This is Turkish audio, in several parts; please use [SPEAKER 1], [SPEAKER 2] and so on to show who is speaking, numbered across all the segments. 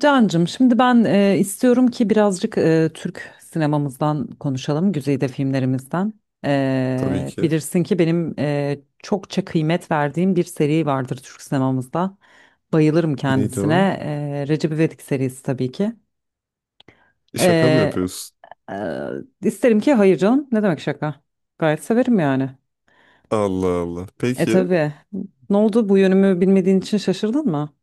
[SPEAKER 1] Cancım, şimdi ben istiyorum ki birazcık Türk sinemamızdan konuşalım, güzide filmlerimizden.
[SPEAKER 2] Tabii ki.
[SPEAKER 1] Bilirsin ki benim çokça kıymet verdiğim bir seri vardır Türk sinemamızda. Bayılırım
[SPEAKER 2] Neydi
[SPEAKER 1] kendisine.
[SPEAKER 2] o?
[SPEAKER 1] Recep İvedik serisi tabii ki.
[SPEAKER 2] Şaka mı
[SPEAKER 1] E,
[SPEAKER 2] yapıyorsun?
[SPEAKER 1] e, isterim ki hayır canım. Ne demek şaka? Gayet severim yani.
[SPEAKER 2] Allah Allah. Peki.
[SPEAKER 1] Tabii. Ne oldu? Bu yönümü bilmediğin için şaşırdın mı?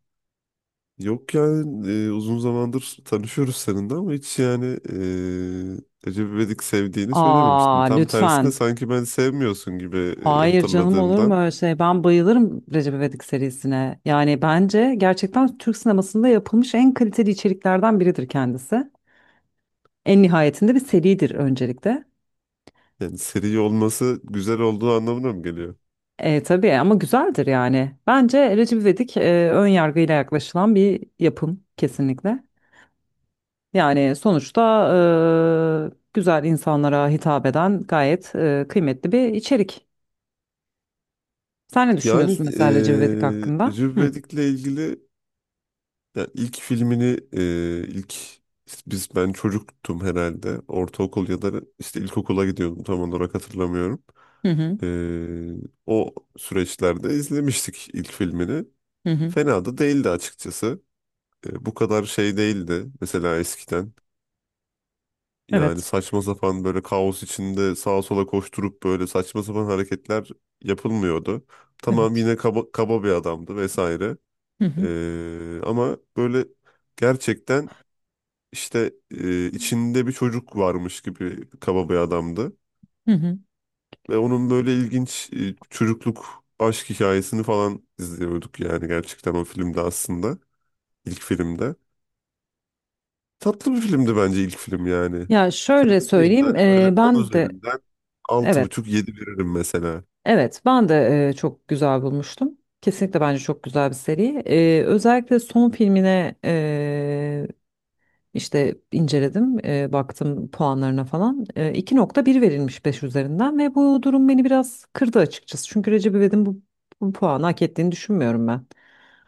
[SPEAKER 2] Yok yani uzun zamandır tanışıyoruz seninle ama hiç yani Recep İvedik sevdiğini söylememiştin.
[SPEAKER 1] Aa,
[SPEAKER 2] Tam tersine
[SPEAKER 1] lütfen.
[SPEAKER 2] sanki ben sevmiyorsun gibi
[SPEAKER 1] Hayır canım, olur mu
[SPEAKER 2] hatırladığımdan.
[SPEAKER 1] öyle şey? Ben bayılırım Recep İvedik serisine. Yani bence gerçekten Türk sinemasında yapılmış en kaliteli içeriklerden biridir kendisi. En nihayetinde bir seridir öncelikle.
[SPEAKER 2] Yani seri olması güzel olduğu anlamına mı geliyor?
[SPEAKER 1] Tabii ama güzeldir yani. Bence Recep İvedik ön yargıyla yaklaşılan bir yapım kesinlikle. Yani sonuçta güzel insanlara hitap eden gayet kıymetli bir içerik. Sen ne
[SPEAKER 2] Yani
[SPEAKER 1] düşünüyorsun mesela Recep İvedik hakkında?
[SPEAKER 2] Recep
[SPEAKER 1] Hı
[SPEAKER 2] İvedik'le ilgili yani ilk filmini ilk işte ben çocuktum herhalde. Ortaokul ya da işte ilkokula gidiyordum tam olarak hatırlamıyorum.
[SPEAKER 1] hı hı hı.
[SPEAKER 2] Ee, O süreçlerde izlemiştik ilk filmini.
[SPEAKER 1] Hı.
[SPEAKER 2] Fena da değildi açıkçası. Bu kadar şey değildi mesela eskiden. Yani
[SPEAKER 1] Evet.
[SPEAKER 2] saçma sapan böyle kaos içinde sağa sola koşturup böyle saçma sapan hareketler yapılmıyordu. Tamam
[SPEAKER 1] Evet.
[SPEAKER 2] yine kaba, kaba bir adamdı vesaire.
[SPEAKER 1] Hı hı.
[SPEAKER 2] Ama böyle gerçekten işte içinde bir çocuk varmış gibi kaba bir adamdı.
[SPEAKER 1] Hı hı.
[SPEAKER 2] Ve onun böyle ilginç çocukluk aşk hikayesini falan izliyorduk yani gerçekten o filmde aslında. İlk filmde. Tatlı bir filmdi bence ilk film yani.
[SPEAKER 1] Ya şöyle
[SPEAKER 2] Değildi
[SPEAKER 1] söyleyeyim,
[SPEAKER 2] hani böyle 10
[SPEAKER 1] ben de,
[SPEAKER 2] üzerinden altı
[SPEAKER 1] evet,
[SPEAKER 2] buçuk yedi veririm mesela.
[SPEAKER 1] evet, ben de çok güzel bulmuştum. Kesinlikle bence çok güzel bir seri. Özellikle son filmine işte inceledim, baktım puanlarına falan. 2,1 verilmiş 5 üzerinden ve bu durum beni biraz kırdı açıkçası. Çünkü Recep İvedik'in bu puanı hak ettiğini düşünmüyorum ben.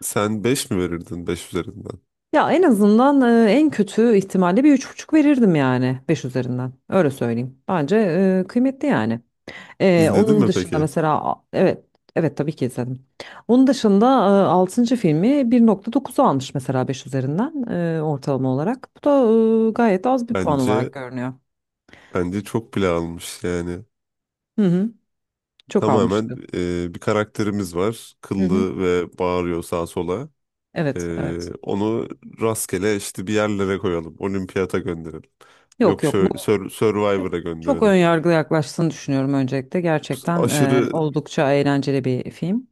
[SPEAKER 2] Sen 5 mi verirdin 5 üzerinden?
[SPEAKER 1] Ya en azından en kötü ihtimalle bir 3,5 verirdim yani 5 üzerinden. Öyle söyleyeyim. Bence kıymetli yani.
[SPEAKER 2] İzledin
[SPEAKER 1] Onun
[SPEAKER 2] mi
[SPEAKER 1] dışında
[SPEAKER 2] peki?
[SPEAKER 1] mesela evet, evet tabii ki izledim. Onun dışında altıncı filmi 1,9'u almış mesela 5 üzerinden ortalama olarak. Bu da gayet az bir puan olarak
[SPEAKER 2] Bence
[SPEAKER 1] görünüyor.
[SPEAKER 2] bence çok bile almış yani.
[SPEAKER 1] Hı hı, çok
[SPEAKER 2] Tamamen
[SPEAKER 1] almıştı.
[SPEAKER 2] bir karakterimiz var.
[SPEAKER 1] Hı hı,
[SPEAKER 2] Kıllı ve bağırıyor sağa sola.
[SPEAKER 1] evet evet.
[SPEAKER 2] Onu rastgele işte bir yerlere koyalım. Olimpiyata gönderelim.
[SPEAKER 1] Yok
[SPEAKER 2] Yok
[SPEAKER 1] yok, bu
[SPEAKER 2] şöyle
[SPEAKER 1] çok
[SPEAKER 2] Survivor'a
[SPEAKER 1] çok ön
[SPEAKER 2] gönderelim.
[SPEAKER 1] yargılı yaklaştığını düşünüyorum öncelikle. Gerçekten
[SPEAKER 2] Aşırı
[SPEAKER 1] oldukça eğlenceli bir film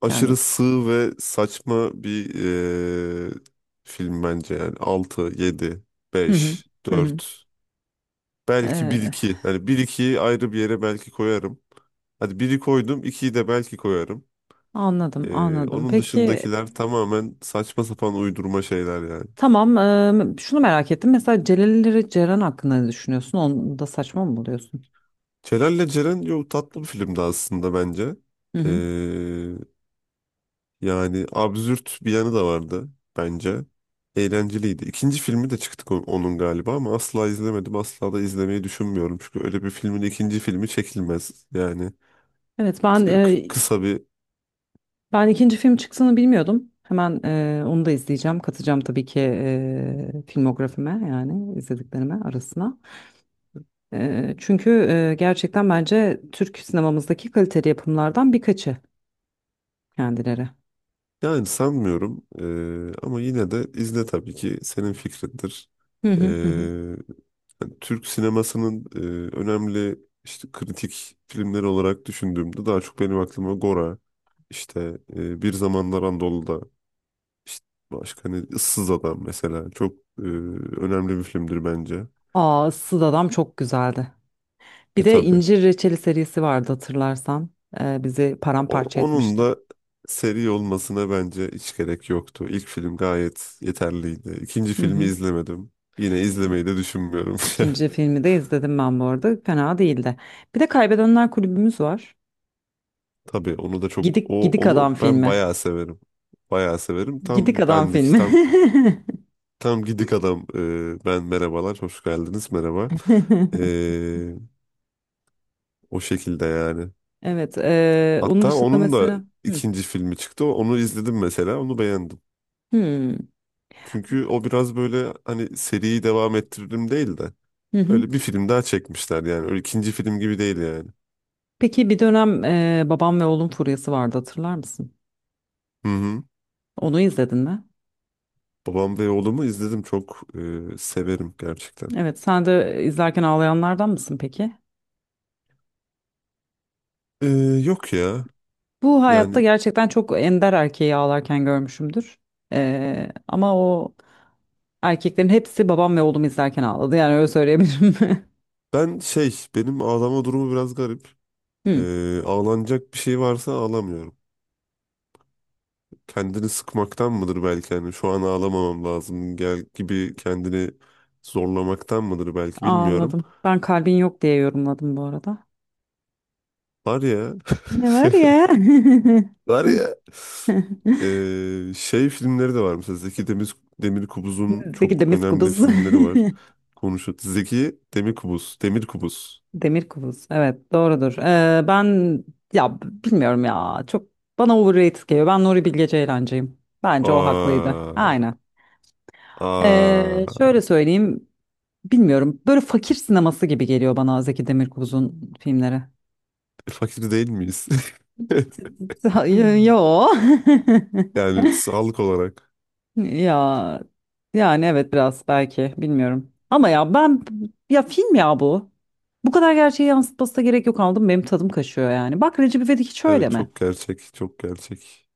[SPEAKER 2] aşırı
[SPEAKER 1] kendisi.
[SPEAKER 2] sığ ve saçma bir ee, film bence yani. Altı, 7,
[SPEAKER 1] Hı hı,
[SPEAKER 2] beş,
[SPEAKER 1] hı hı.
[SPEAKER 2] dört. Belki bir
[SPEAKER 1] Ee,
[SPEAKER 2] iki. Hani bir 2'yi ayrı bir yere belki koyarım. Hadi biri koydum, 2'yi de belki koyarım.
[SPEAKER 1] Anladım anladım.
[SPEAKER 2] Onun
[SPEAKER 1] Peki.
[SPEAKER 2] dışındakiler tamamen saçma sapan uydurma şeyler yani.
[SPEAKER 1] Tamam, şunu merak ettim. Mesela Celal Ceren hakkında ne düşünüyorsun? Onu da saçma mı buluyorsun?
[SPEAKER 2] Celal'le Ceren yok tatlı bir filmdi aslında bence.
[SPEAKER 1] Hı hı.
[SPEAKER 2] Ee, Yani absürt bir yanı da vardı bence. Eğlenceliydi. İkinci filmi de çıktı onun galiba ama asla izlemedim. Asla da izlemeyi düşünmüyorum. Çünkü öyle bir filmin ikinci filmi çekilmez. Yani
[SPEAKER 1] Evet,
[SPEAKER 2] kısa bir
[SPEAKER 1] ben ikinci film çıktığını bilmiyordum. Hemen onu da izleyeceğim. Katacağım tabii ki filmografime yani izlediklerime arasına. Çünkü gerçekten bence Türk sinemamızdaki kaliteli yapımlardan birkaçı kendileri.
[SPEAKER 2] yani sanmıyorum. Ama yine de izle tabii ki. Senin fikrindir.
[SPEAKER 1] Hı
[SPEAKER 2] Ee,
[SPEAKER 1] hı hı. Hı.
[SPEAKER 2] Yani Türk sinemasının önemli işte kritik filmleri olarak düşündüğümde daha çok benim aklıma Gora, işte Bir Zamanlar Anadolu'da, işte başka hani Issız Adam mesela çok önemli bir filmdir bence.
[SPEAKER 1] Aa, Issız Adam çok güzeldi. Bir
[SPEAKER 2] E
[SPEAKER 1] de
[SPEAKER 2] tabii.
[SPEAKER 1] İncir Reçeli serisi vardı hatırlarsan. Bizi
[SPEAKER 2] O-
[SPEAKER 1] paramparça
[SPEAKER 2] Onun
[SPEAKER 1] etmişti.
[SPEAKER 2] da seri olmasına bence hiç gerek yoktu. İlk film gayet yeterliydi. İkinci
[SPEAKER 1] Hı
[SPEAKER 2] filmi
[SPEAKER 1] hı.
[SPEAKER 2] izlemedim. Yine izlemeyi de düşünmüyorum.
[SPEAKER 1] İkinci filmi de izledim ben bu arada. Fena değildi. Bir de Kaybedenler Kulübümüz var.
[SPEAKER 2] Tabii onu da çok
[SPEAKER 1] Gidik Gidik Adam
[SPEAKER 2] onu ben
[SPEAKER 1] filmi.
[SPEAKER 2] bayağı severim. Bayağı severim.
[SPEAKER 1] Gidik
[SPEAKER 2] Tam
[SPEAKER 1] Adam
[SPEAKER 2] bendik
[SPEAKER 1] filmi.
[SPEAKER 2] Tam gidik adam. Ben merhabalar, hoş geldiniz, merhaba. Ee, O şekilde yani.
[SPEAKER 1] Evet. Onun
[SPEAKER 2] Hatta
[SPEAKER 1] dışında
[SPEAKER 2] onun da
[SPEAKER 1] mesela. Hı.
[SPEAKER 2] ikinci filmi çıktı. Onu izledim mesela, onu beğendim.
[SPEAKER 1] Hı.
[SPEAKER 2] Çünkü o biraz böyle hani seriyi devam ettiririm değil de
[SPEAKER 1] Hı hı.
[SPEAKER 2] öyle bir film daha çekmişler yani. Öyle ikinci film gibi değil yani.
[SPEAKER 1] Peki bir dönem Babam ve Oğlum furyası vardı hatırlar mısın?
[SPEAKER 2] Hı hı.
[SPEAKER 1] Onu izledin mi?
[SPEAKER 2] Babam ve oğlumu izledim. Çok severim gerçekten.
[SPEAKER 1] Evet. Sen de izlerken ağlayanlardan mısın peki?
[SPEAKER 2] Ee, Yok ya.
[SPEAKER 1] Bu hayatta
[SPEAKER 2] Yani
[SPEAKER 1] gerçekten çok ender erkeği ağlarken görmüşümdür. Ama o erkeklerin hepsi Babam ve Oğlum izlerken ağladı. Yani öyle söyleyebilirim.
[SPEAKER 2] ben benim ağlama durumu biraz garip.
[SPEAKER 1] Hı,
[SPEAKER 2] Ağlanacak bir şey varsa ağlamıyorum. Kendini sıkmaktan mıdır belki hani şu an ağlamamam lazım gel gibi kendini zorlamaktan mıdır belki bilmiyorum.
[SPEAKER 1] anladım. Ben kalbin yok diye yorumladım bu arada.
[SPEAKER 2] Var ya.
[SPEAKER 1] Ne var ya?
[SPEAKER 2] Var ya. Şey filmleri de var mesela Demirkubuz'un
[SPEAKER 1] Bizdeki
[SPEAKER 2] çok
[SPEAKER 1] demir
[SPEAKER 2] önemli
[SPEAKER 1] kubus.
[SPEAKER 2] filmleri var. Konuşuyor. Zeki Demirkubuz. Demirkubuz.
[SPEAKER 1] Demir kubus. Evet, doğrudur. Ben ya bilmiyorum ya. Çok bana overrated geliyor. Ben Nuri Bilge Ceylancıyım. Bence o haklıydı.
[SPEAKER 2] Aa,
[SPEAKER 1] Aynen.
[SPEAKER 2] aa.
[SPEAKER 1] Şöyle söyleyeyim. Bilmiyorum. Böyle fakir sineması gibi geliyor bana Zeki Demirkubuz'un filmleri.
[SPEAKER 2] Fakir değil miyiz?
[SPEAKER 1] Hayır, yo.
[SPEAKER 2] Yani sağlık olarak.
[SPEAKER 1] Ya yani evet biraz belki bilmiyorum. Ama ya ben ya film ya bu. Bu kadar gerçeği yansıtması da gerek yok aldım. Benim tadım kaşıyor yani. Bak Recep İvedik hiç öyle
[SPEAKER 2] Evet
[SPEAKER 1] mi?
[SPEAKER 2] çok gerçek, çok gerçek.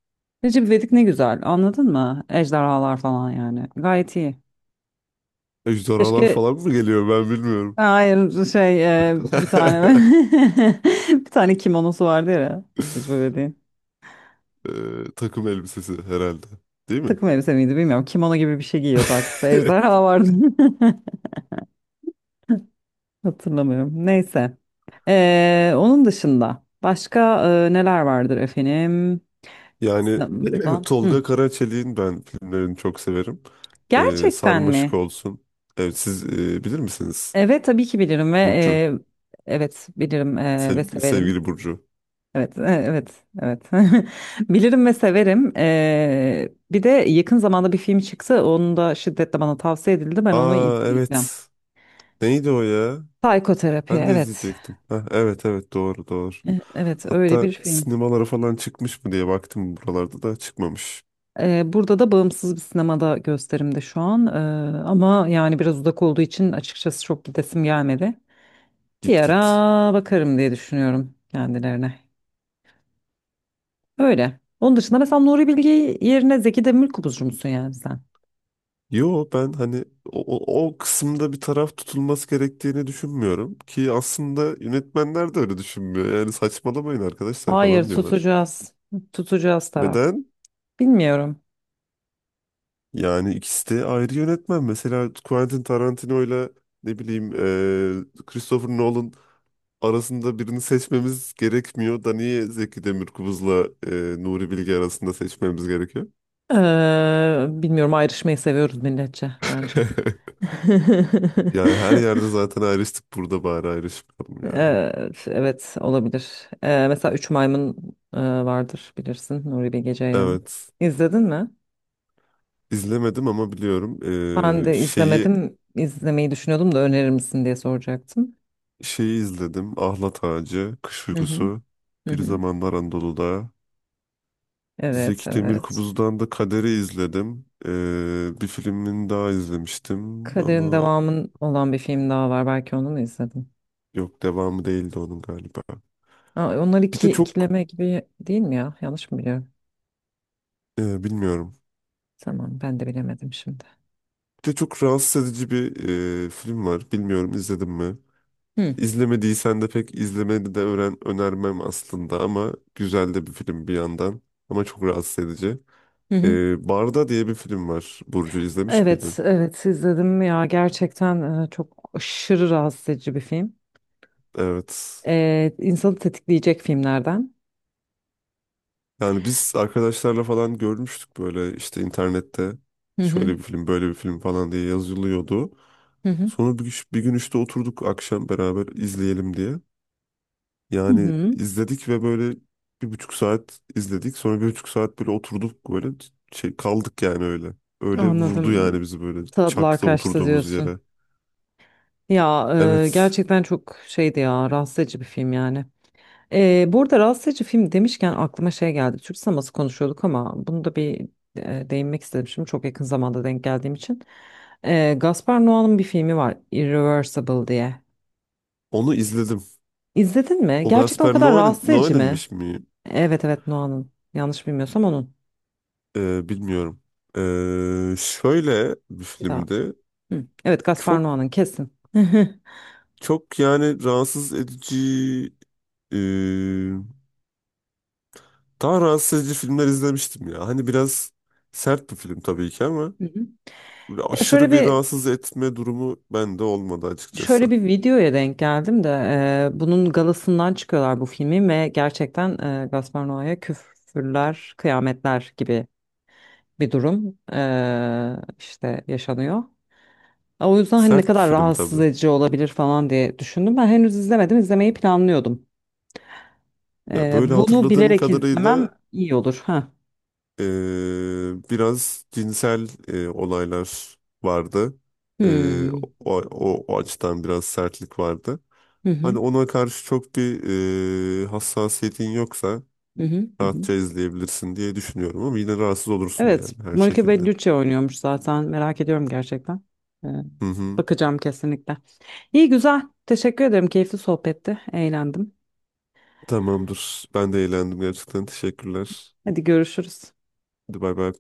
[SPEAKER 1] Recep İvedik ne güzel, anladın mı? Ejderhalar falan yani. Gayet iyi.
[SPEAKER 2] Ejderhalar
[SPEAKER 1] Keşke,
[SPEAKER 2] falan mı geliyor ben bilmiyorum.
[SPEAKER 1] hayır, şey, bir tane bir tane kimonosu vardı ya Recep İvedik'in.
[SPEAKER 2] Takım elbisesi herhalde. Değil mi?
[SPEAKER 1] Takım elbise miydi bilmiyorum. Kimono gibi bir şey giyiyordu, arkasında ejderha vardı. Hatırlamıyorum. Neyse. Onun dışında başka neler vardır efendim?
[SPEAKER 2] Yani
[SPEAKER 1] İstanbul'dan.
[SPEAKER 2] Tolga
[SPEAKER 1] Hı.
[SPEAKER 2] Karaçelik'in ben filmlerini çok severim.
[SPEAKER 1] Gerçekten
[SPEAKER 2] Sarmaşık
[SPEAKER 1] mi?
[SPEAKER 2] olsun. Evet siz bilir misiniz?
[SPEAKER 1] Evet tabii ki bilirim ve
[SPEAKER 2] Burcu.
[SPEAKER 1] evet bilirim ve
[SPEAKER 2] Sevgili,
[SPEAKER 1] severim.
[SPEAKER 2] sevgili Burcu.
[SPEAKER 1] Evet, evet, evet. Bilirim ve severim. Bir de yakın zamanda bir film çıktı. Onu da şiddetle bana tavsiye edildi. Ben onu
[SPEAKER 2] Aa
[SPEAKER 1] izleyeceğim.
[SPEAKER 2] evet. Neydi o ya?
[SPEAKER 1] Psikoterapi,
[SPEAKER 2] Ben de
[SPEAKER 1] evet.
[SPEAKER 2] izleyecektim. Heh, evet evet doğru doğru.
[SPEAKER 1] Evet, öyle
[SPEAKER 2] Hatta
[SPEAKER 1] bir film.
[SPEAKER 2] sinemalara falan çıkmış mı diye baktım buralarda da çıkmamış.
[SPEAKER 1] Burada da bağımsız bir sinemada gösterimde şu an. Ama yani biraz uzak olduğu için açıkçası çok gidesim gelmedi. Bir
[SPEAKER 2] Git git.
[SPEAKER 1] ara bakarım diye düşünüyorum kendilerine. Öyle. Onun dışında mesela Nuri Bilge yerine Zeki Demirkubuzcu musun yani sen?
[SPEAKER 2] Yo ben hani o kısımda bir taraf tutulması gerektiğini düşünmüyorum ki aslında yönetmenler de öyle düşünmüyor. Yani saçmalamayın arkadaşlar
[SPEAKER 1] Hayır,
[SPEAKER 2] falan diyorlar.
[SPEAKER 1] tutacağız. Tutacağız taraf.
[SPEAKER 2] Neden?
[SPEAKER 1] Bilmiyorum.
[SPEAKER 2] Yani ikisi de ayrı yönetmen. Mesela Quentin Tarantino ile ne bileyim Christopher Nolan arasında birini seçmemiz gerekmiyor da niye Zeki Demirkubuz'la Nuri Bilge arasında seçmemiz gerekiyor?
[SPEAKER 1] Bilmiyorum, ayrışmayı seviyoruz milletçe bence.
[SPEAKER 2] Yani her yerde zaten ayrıştık burada bari ayrışmayalım ya.
[SPEAKER 1] Evet, evet olabilir. Mesela Üç Maymun vardır bilirsin, Nuri Bilge Ceylan.
[SPEAKER 2] Evet.
[SPEAKER 1] İzledin mi?
[SPEAKER 2] İzlemedim ama biliyorum.
[SPEAKER 1] Ben
[SPEAKER 2] Ee,
[SPEAKER 1] de
[SPEAKER 2] şeyi
[SPEAKER 1] izlemedim. İzlemeyi düşünüyordum da önerir misin diye soracaktım.
[SPEAKER 2] şeyi izledim. Ahlat Ağacı, Kış
[SPEAKER 1] Hı hı.
[SPEAKER 2] Uykusu,
[SPEAKER 1] Hı
[SPEAKER 2] Bir
[SPEAKER 1] hı.
[SPEAKER 2] Zamanlar Anadolu'da.
[SPEAKER 1] Evet,
[SPEAKER 2] Zeki
[SPEAKER 1] evet.
[SPEAKER 2] Demirkubuz'dan da Kader'i izledim. Bir filmini daha izlemiştim
[SPEAKER 1] Kaderin
[SPEAKER 2] ama
[SPEAKER 1] devamının olan bir film daha var. Belki onu mu izledin?
[SPEAKER 2] yok devamı değildi onun galiba.
[SPEAKER 1] Aa, onlar
[SPEAKER 2] Bir
[SPEAKER 1] iki
[SPEAKER 2] de çok
[SPEAKER 1] ikileme gibi değil mi ya? Yanlış mı biliyorum?
[SPEAKER 2] bilmiyorum.
[SPEAKER 1] Tamam, ben de bilemedim şimdi.
[SPEAKER 2] Bir de çok rahatsız edici bir film var. Bilmiyorum izledin mi?
[SPEAKER 1] Hı
[SPEAKER 2] İzlemediysen de pek izlemeni de öğren önermem aslında ama güzel de bir film bir yandan ama çok rahatsız edici.
[SPEAKER 1] hı. Hı.
[SPEAKER 2] Barda diye bir film var. Burcu izlemiş
[SPEAKER 1] Evet,
[SPEAKER 2] miydin?
[SPEAKER 1] evet izledim ya. Gerçekten çok aşırı rahatsız edici bir film.
[SPEAKER 2] Evet.
[SPEAKER 1] İnsanı tetikleyecek filmlerden.
[SPEAKER 2] Yani biz arkadaşlarla falan görmüştük böyle işte internette
[SPEAKER 1] Hı hı.
[SPEAKER 2] şöyle bir film böyle bir film falan diye yazılıyordu.
[SPEAKER 1] Hı hı.
[SPEAKER 2] Sonra bir gün işte oturduk akşam beraber izleyelim diye.
[SPEAKER 1] Hı
[SPEAKER 2] Yani
[SPEAKER 1] hı,
[SPEAKER 2] izledik ve böyle 1,5 saat izledik. Sonra 1,5 saat böyle oturduk böyle şey kaldık yani öyle. Öyle vurdu yani
[SPEAKER 1] anladım.
[SPEAKER 2] bizi böyle
[SPEAKER 1] Tadılar
[SPEAKER 2] çakta
[SPEAKER 1] kaçtı
[SPEAKER 2] oturduğumuz
[SPEAKER 1] diyorsun.
[SPEAKER 2] yere.
[SPEAKER 1] Ya
[SPEAKER 2] Evet.
[SPEAKER 1] gerçekten çok şeydi ya, rahatsız edici bir film yani. Bu arada rahatsız edici film demişken aklıma şey geldi. Türk sineması konuşuyorduk ama bunu da bir değinmek istedim şimdi çok yakın zamanda denk geldiğim için. Gaspar Noé'nin bir filmi var, Irreversible diye.
[SPEAKER 2] Onu izledim.
[SPEAKER 1] İzledin mi?
[SPEAKER 2] O
[SPEAKER 1] Gerçekten o
[SPEAKER 2] Gaspar
[SPEAKER 1] kadar
[SPEAKER 2] Noé,
[SPEAKER 1] rahatsız edici mi?
[SPEAKER 2] Noé'ninmiş mi?
[SPEAKER 1] Evet evet, Noé'nin, yanlış bilmiyorsam onun.
[SPEAKER 2] Bilmiyorum. Şöyle bir filmdi.
[SPEAKER 1] Hı. Evet, Gaspar
[SPEAKER 2] Çok
[SPEAKER 1] Noa'nın kesin. Hı.
[SPEAKER 2] çok yani rahatsız edici e, daha rahatsız edici filmler izlemiştim ya. Hani biraz sert bir film tabii ki ama
[SPEAKER 1] Hı.
[SPEAKER 2] böyle
[SPEAKER 1] Ya şöyle
[SPEAKER 2] aşırı bir
[SPEAKER 1] bir
[SPEAKER 2] rahatsız etme durumu bende olmadı açıkçası.
[SPEAKER 1] şöyle bir videoya denk geldim de bunun galasından çıkıyorlar bu filmi ve gerçekten Gaspar Noa'ya küfürler, kıyametler gibi bir durum işte yaşanıyor. O yüzden hani ne
[SPEAKER 2] Sert bir
[SPEAKER 1] kadar
[SPEAKER 2] film
[SPEAKER 1] rahatsız
[SPEAKER 2] tabii.
[SPEAKER 1] edici olabilir falan diye düşündüm. Ben henüz izlemedim, izlemeyi planlıyordum.
[SPEAKER 2] Ya böyle
[SPEAKER 1] Bunu
[SPEAKER 2] hatırladığım
[SPEAKER 1] bilerek izlemem
[SPEAKER 2] kadarıyla
[SPEAKER 1] iyi olur. Ha.
[SPEAKER 2] e, biraz cinsel olaylar vardı. E, o,
[SPEAKER 1] Hmm.
[SPEAKER 2] o, o açıdan biraz sertlik vardı.
[SPEAKER 1] Hı
[SPEAKER 2] Hani
[SPEAKER 1] hı.
[SPEAKER 2] ona karşı çok bir hassasiyetin yoksa
[SPEAKER 1] Hı hı. Hı hı.
[SPEAKER 2] rahatça izleyebilirsin diye düşünüyorum ama yine rahatsız olursun
[SPEAKER 1] Evet,
[SPEAKER 2] yani her
[SPEAKER 1] Monica
[SPEAKER 2] şekilde.
[SPEAKER 1] Bellucci oynuyormuş zaten. Merak ediyorum gerçekten. Ee,
[SPEAKER 2] Hı hı.
[SPEAKER 1] Bakacağım kesinlikle. İyi güzel. Teşekkür ederim. Keyifli sohbetti. Eğlendim.
[SPEAKER 2] Tamamdır. Ben de eğlendim gerçekten. Teşekkürler.
[SPEAKER 1] Hadi görüşürüz.
[SPEAKER 2] Hadi bay bay.